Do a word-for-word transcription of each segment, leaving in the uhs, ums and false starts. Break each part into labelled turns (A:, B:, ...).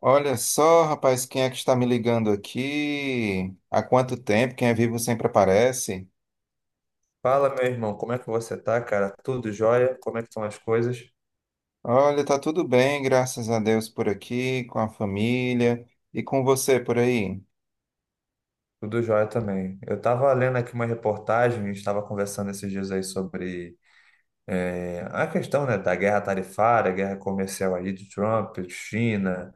A: Olha só, rapaz, quem é que está me ligando aqui? Há quanto tempo? Quem é vivo sempre aparece.
B: Fala, meu irmão, como é que você tá, cara? Tudo jóia? Como é que estão as coisas?
A: Olha, tá tudo bem, graças a Deus por aqui, com a família e com você por aí.
B: Tudo jóia também. Eu estava lendo aqui uma reportagem, a gente estava conversando esses dias aí sobre eh, a questão, né, da guerra tarifária, guerra comercial aí de Trump, China,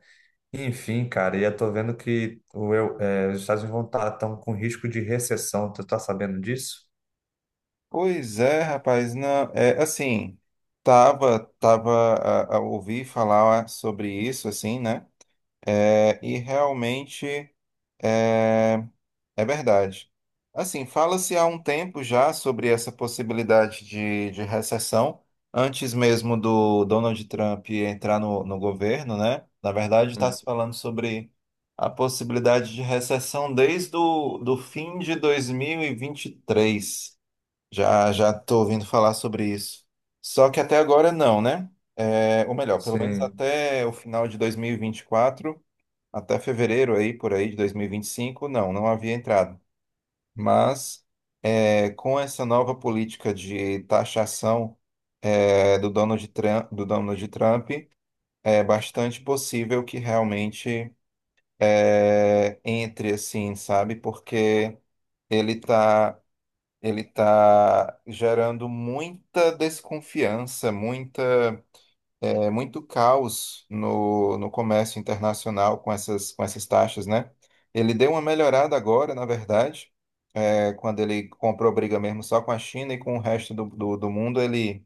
B: enfim, cara, e eu tô vendo que o, eu- eh, os Estados Unidos vão estar tão com risco de recessão. Tu tá sabendo disso?
A: Pois é, rapaz, não, é assim, tava, tava a, a ouvir falar sobre isso, assim, né? É, e realmente é, é verdade. Assim, fala-se há um tempo já sobre essa possibilidade de, de recessão, antes mesmo do Donald Trump entrar no, no governo, né? Na verdade, está
B: Uhum.
A: se falando sobre a possibilidade de recessão desde o do fim de dois mil e e vinte e três. Já já estou ouvindo falar sobre isso. Só que até agora não, né? É, ou melhor, pelo menos
B: Sim.
A: até o final de dois mil e e vinte e quatro, até fevereiro aí, por aí, de dois mil e e vinte e cinco. Não, não havia entrado. Mas é, com essa nova política de taxação é, do Donald Trump, do Donald Trump, é bastante possível que realmente é, entre assim, sabe? Porque ele tá, ele tá gerando muita desconfiança, muita, é, muito caos no, no comércio internacional com essas, com essas taxas, né? Ele deu uma melhorada agora, na verdade é quando ele comprou briga mesmo só com a China e com o resto do, do, do mundo, ele,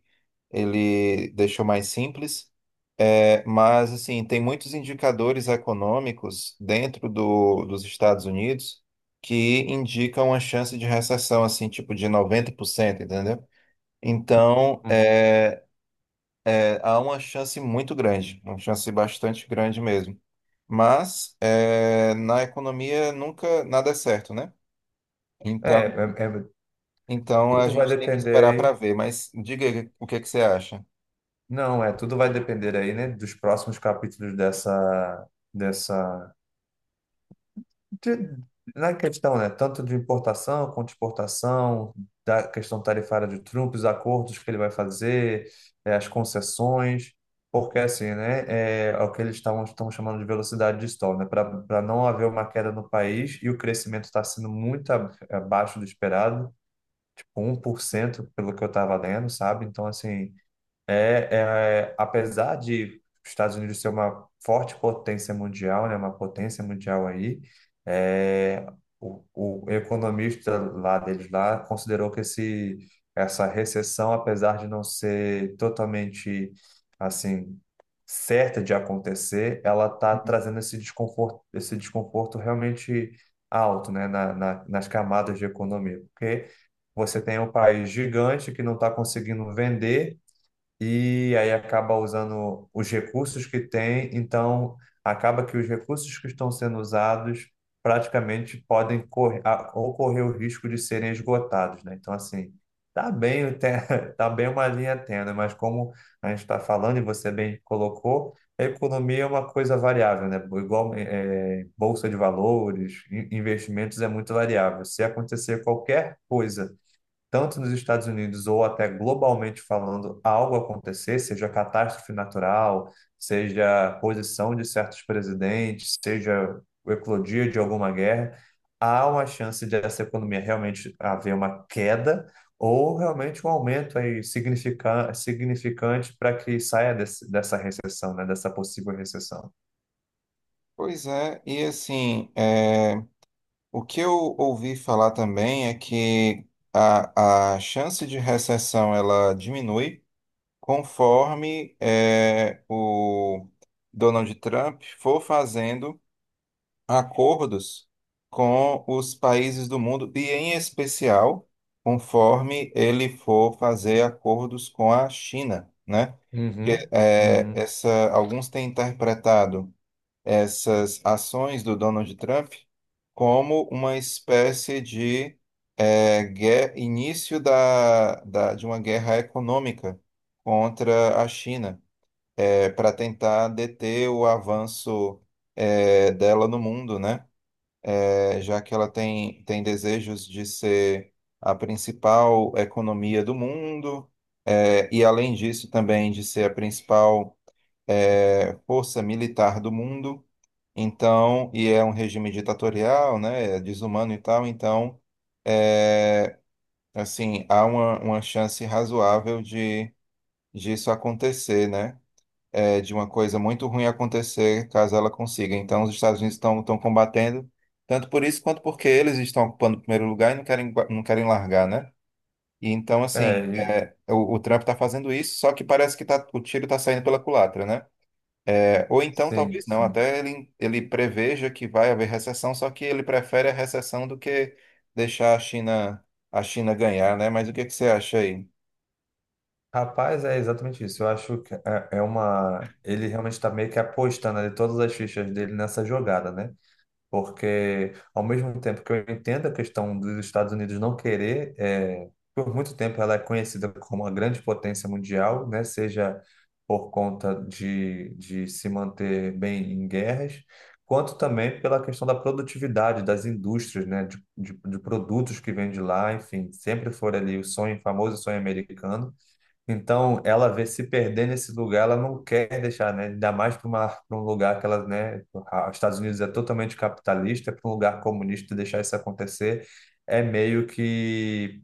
A: ele deixou mais simples. É, mas, assim, tem muitos indicadores econômicos dentro do, dos Estados Unidos que indicam uma chance de recessão, assim, tipo de noventa por cento, entendeu? Então,
B: Uhum.
A: é, é, há uma chance muito grande, uma chance bastante grande mesmo. Mas, é, na economia, nunca nada é certo, né?
B: É,
A: então
B: é- é-
A: Então a
B: Tudo vai
A: gente tem que
B: depender
A: esperar para
B: aí.
A: ver, mas diga aí o que que você acha.
B: Não, é, tudo vai depender aí, né, dos próximos capítulos dessa, dessa, de- na questão, né, tanto de importação quanto de exportação, da questão tarifária de Trump, os acordos que ele vai fazer, é, as concessões, porque assim, né, é, é o que eles estavam estão chamando de velocidade de stall, né, para não haver uma queda no país e o crescimento está sendo muito ab- abaixo do esperado, tipo um por cento pelo que eu estava lendo, sabe? Então, assim é, é, apesar de os Estados Unidos ser uma forte potência mundial, né, uma potência mundial aí, é, o, o economista lá deles lá considerou que esse, essa recessão, apesar de não ser totalmente assim certa de acontecer, ela está
A: Uhum.
B: trazendo esse desconforto, esse desconforto realmente alto, né, na, na, nas camadas de economia, porque você tem um país gigante que não está conseguindo vender e aí acaba usando os recursos que tem, então acaba que os recursos que estão sendo usados praticamente podem correr, a- ocorrer o risco de serem esgotados, né? Então, assim, tá bem, o te- tá bem uma linha tênue, mas como a gente está falando e você bem colocou, a economia é uma coisa variável, né? Igual eh, bolsa de valores, in- investimentos é muito variável. Se acontecer qualquer coisa tanto nos Estados Unidos ou até globalmente falando, algo acontecer, seja catástrofe natural, seja posição de certos presidentes, seja o eclodir de alguma guerra, há uma chance de essa economia realmente haver uma queda ou realmente um aumento aí significa- significante para que saia desse- dessa recessão, né, dessa possível recessão.
A: Pois é, e assim, é, o que eu ouvi falar também é que a, a chance de recessão ela diminui conforme é, o Donald Trump for fazendo acordos com os países do mundo, e em especial, conforme ele for fazer acordos com a China, né? Que,
B: Uhum.
A: é,
B: Uhum.
A: essa, alguns têm interpretado essas ações do Donald Trump como uma espécie de é, guer- início da, da, de uma guerra econômica contra a China, para tentar deter o avanço é, dela no mundo, né? é, já que ela tem, tem desejos de ser a principal economia do mundo, é, e além disso também de ser a principal é, força militar do mundo, então, e é um regime ditatorial, né, é desumano e tal, então, é, assim, há uma, uma chance razoável de disso acontecer, né? é, de uma coisa muito ruim acontecer caso ela consiga. Então, os Estados Unidos estão estão combatendo, tanto por isso quanto porque eles estão ocupando o primeiro lugar e não querem, gua- não querem largar, né? E então, assim,
B: É, e-
A: é, o, o Trump está fazendo isso, só que parece que tá, o tiro está saindo pela culatra, né? É, ou então,
B: sim,
A: talvez não,
B: sim.
A: até ele, ele preveja que vai haver recessão, só que ele prefere a recessão do que deixar a China, a China ganhar, né? Mas o que que você acha aí?
B: Rapaz, é exatamente isso. Eu acho que é é uma. Ele realmente está meio que apostando ali todas as fichas dele nessa jogada, né? Porque, ao mesmo tempo que eu entendo a questão dos Estados Unidos não querer, é, por muito tempo ela é conhecida como uma grande potência mundial, né? Seja por conta de, de se manter bem em guerras, quanto também pela questão da produtividade das indústrias, né? De, de, de produtos que vêm de lá, enfim, sempre foi ali o sonho, famoso sonho americano. Então, ela vê se perder nesse lugar, ela não quer deixar, né? Ainda mais para uma, para um lugar que ela, né? a- Os Estados Unidos é totalmente capitalista, para um lugar comunista deixar isso acontecer é meio que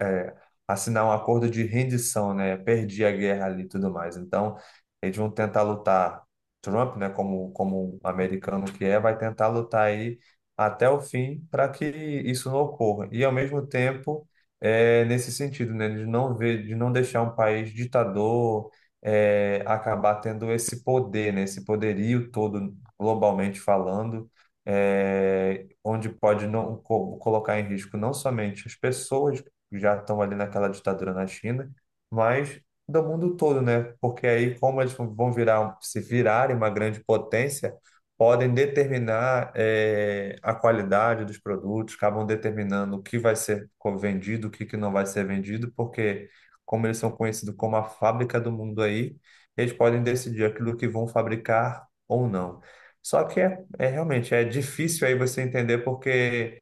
B: é, assinar um acordo de rendição, né? Perdi a guerra ali e tudo mais. Então, eles vão tentar lutar. Trump, né, como, como um americano que é, vai tentar lutar aí até o fim para que isso não ocorra. E, ao mesmo tempo, é, nesse sentido, né, de não ver, de não deixar um país ditador é, acabar tendo esse poder, né, esse poderio todo, globalmente falando. É, onde pode não co- colocar em risco não somente as pessoas já estão ali naquela ditadura na China, mas do mundo todo, né? Porque aí, como eles vão virar, um, se virarem uma grande potência, podem determinar eh, a qualidade dos produtos, acabam determinando o que vai ser co- vendido, o que que não vai ser vendido, porque como eles são conhecidos como a fábrica do mundo aí, eles podem decidir aquilo que vão fabricar ou não. Só que é, é realmente é difícil aí você entender porque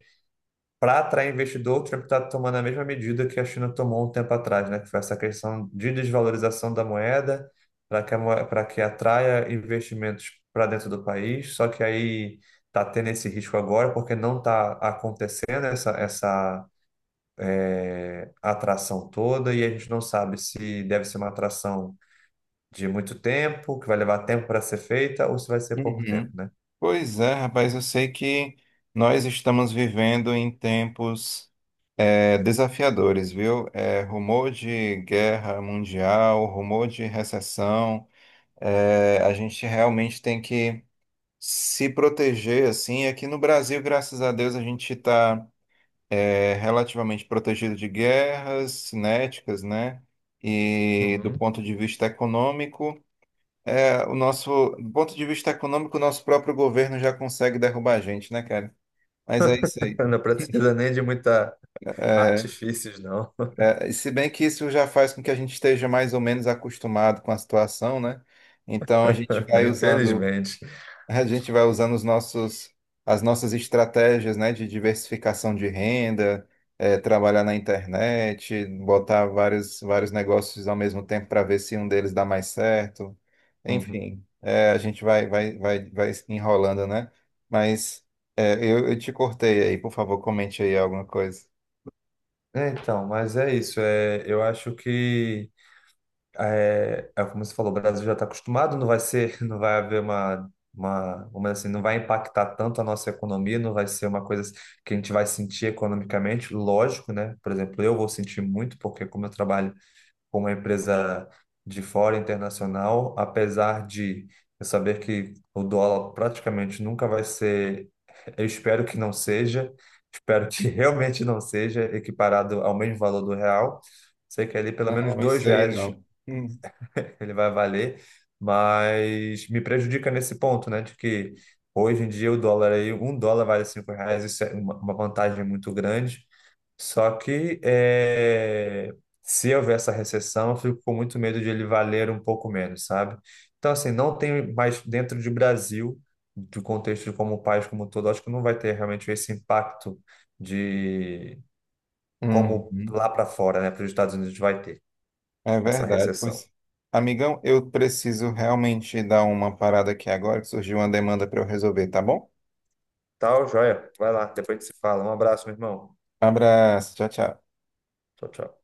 B: para atrair investidor, o Trump está tomando a mesma medida que a China tomou um tempo atrás, né? Que foi essa questão de desvalorização da moeda para que, a moe- pra que atraia investimentos para dentro do país. Só que aí está tendo esse risco agora, porque não está acontecendo essa, essa eh, atração toda, e a gente não sabe se deve ser uma atração de muito tempo, que vai levar tempo para ser feita, ou se vai ser pouco tempo,
A: Uhum.
B: né?
A: Pois é, rapaz, eu sei que nós estamos vivendo em tempos é, desafiadores, viu? É, rumor de guerra mundial, rumor de recessão, é, a gente realmente tem que se proteger, assim. Aqui no Brasil, graças a Deus, a gente está relativamente protegido de guerras cinéticas, né? E do
B: Uhum.
A: ponto de vista econômico, é, o nosso, do ponto de vista econômico, o nosso próprio governo já consegue derrubar a gente, né, cara? Mas é isso aí.
B: Não precisa nem de muita
A: É,
B: artifícios, não.
A: é, e se bem que isso já faz com que a gente esteja mais ou menos acostumado com a situação, né? Então a gente vai usando,
B: Infelizmente.
A: a gente vai usando os nossos, as nossas estratégias, né, de diversificação de renda, é, trabalhar na internet, botar vários, vários negócios ao mesmo tempo para ver se um deles dá mais certo.
B: Uhum.
A: Enfim, é, a gente vai, vai, vai, vai enrolando, né? Mas é, eu, eu te cortei aí, por favor, comente aí alguma coisa.
B: É, então, mas é isso. É, eu acho que é, é como você falou, o Brasil já está acostumado, não vai ser, não vai haver uma, uma, vamos dizer assim, não vai impactar tanto a nossa economia, não vai ser uma coisa que a gente vai sentir economicamente, lógico, né? Por exemplo, eu vou sentir muito, porque como eu trabalho com uma empresa de fora internacional, apesar de eu saber que o dólar praticamente nunca vai ser, eu espero que não seja, espero que realmente não seja equiparado ao mesmo valor do real. Sei que ali pelo menos
A: Não, não
B: dois
A: sei
B: reais
A: não. Hum,
B: ele vai valer, mas me prejudica nesse ponto, né, de que hoje em dia o dólar aí, um dólar vale cinco reais, isso é uma uma vantagem muito grande. Só que é, se houver essa recessão, eu fico com muito medo de ele valer um pouco menos, sabe? Então, assim, não tem mais dentro de Brasil, do contexto de como o país como um todo, acho que não vai ter realmente esse impacto de como
A: uhum.
B: lá para fora, né, para os Estados Unidos vai ter
A: É
B: essa
A: verdade.
B: recessão.
A: Pois, amigão, eu preciso realmente dar uma parada aqui agora, que surgiu uma demanda para eu resolver, tá bom?
B: Tal, joia? Vai lá, depois a gente se fala. Um abraço, meu irmão.
A: Abraço, tchau, tchau.
B: Tchau, tchau.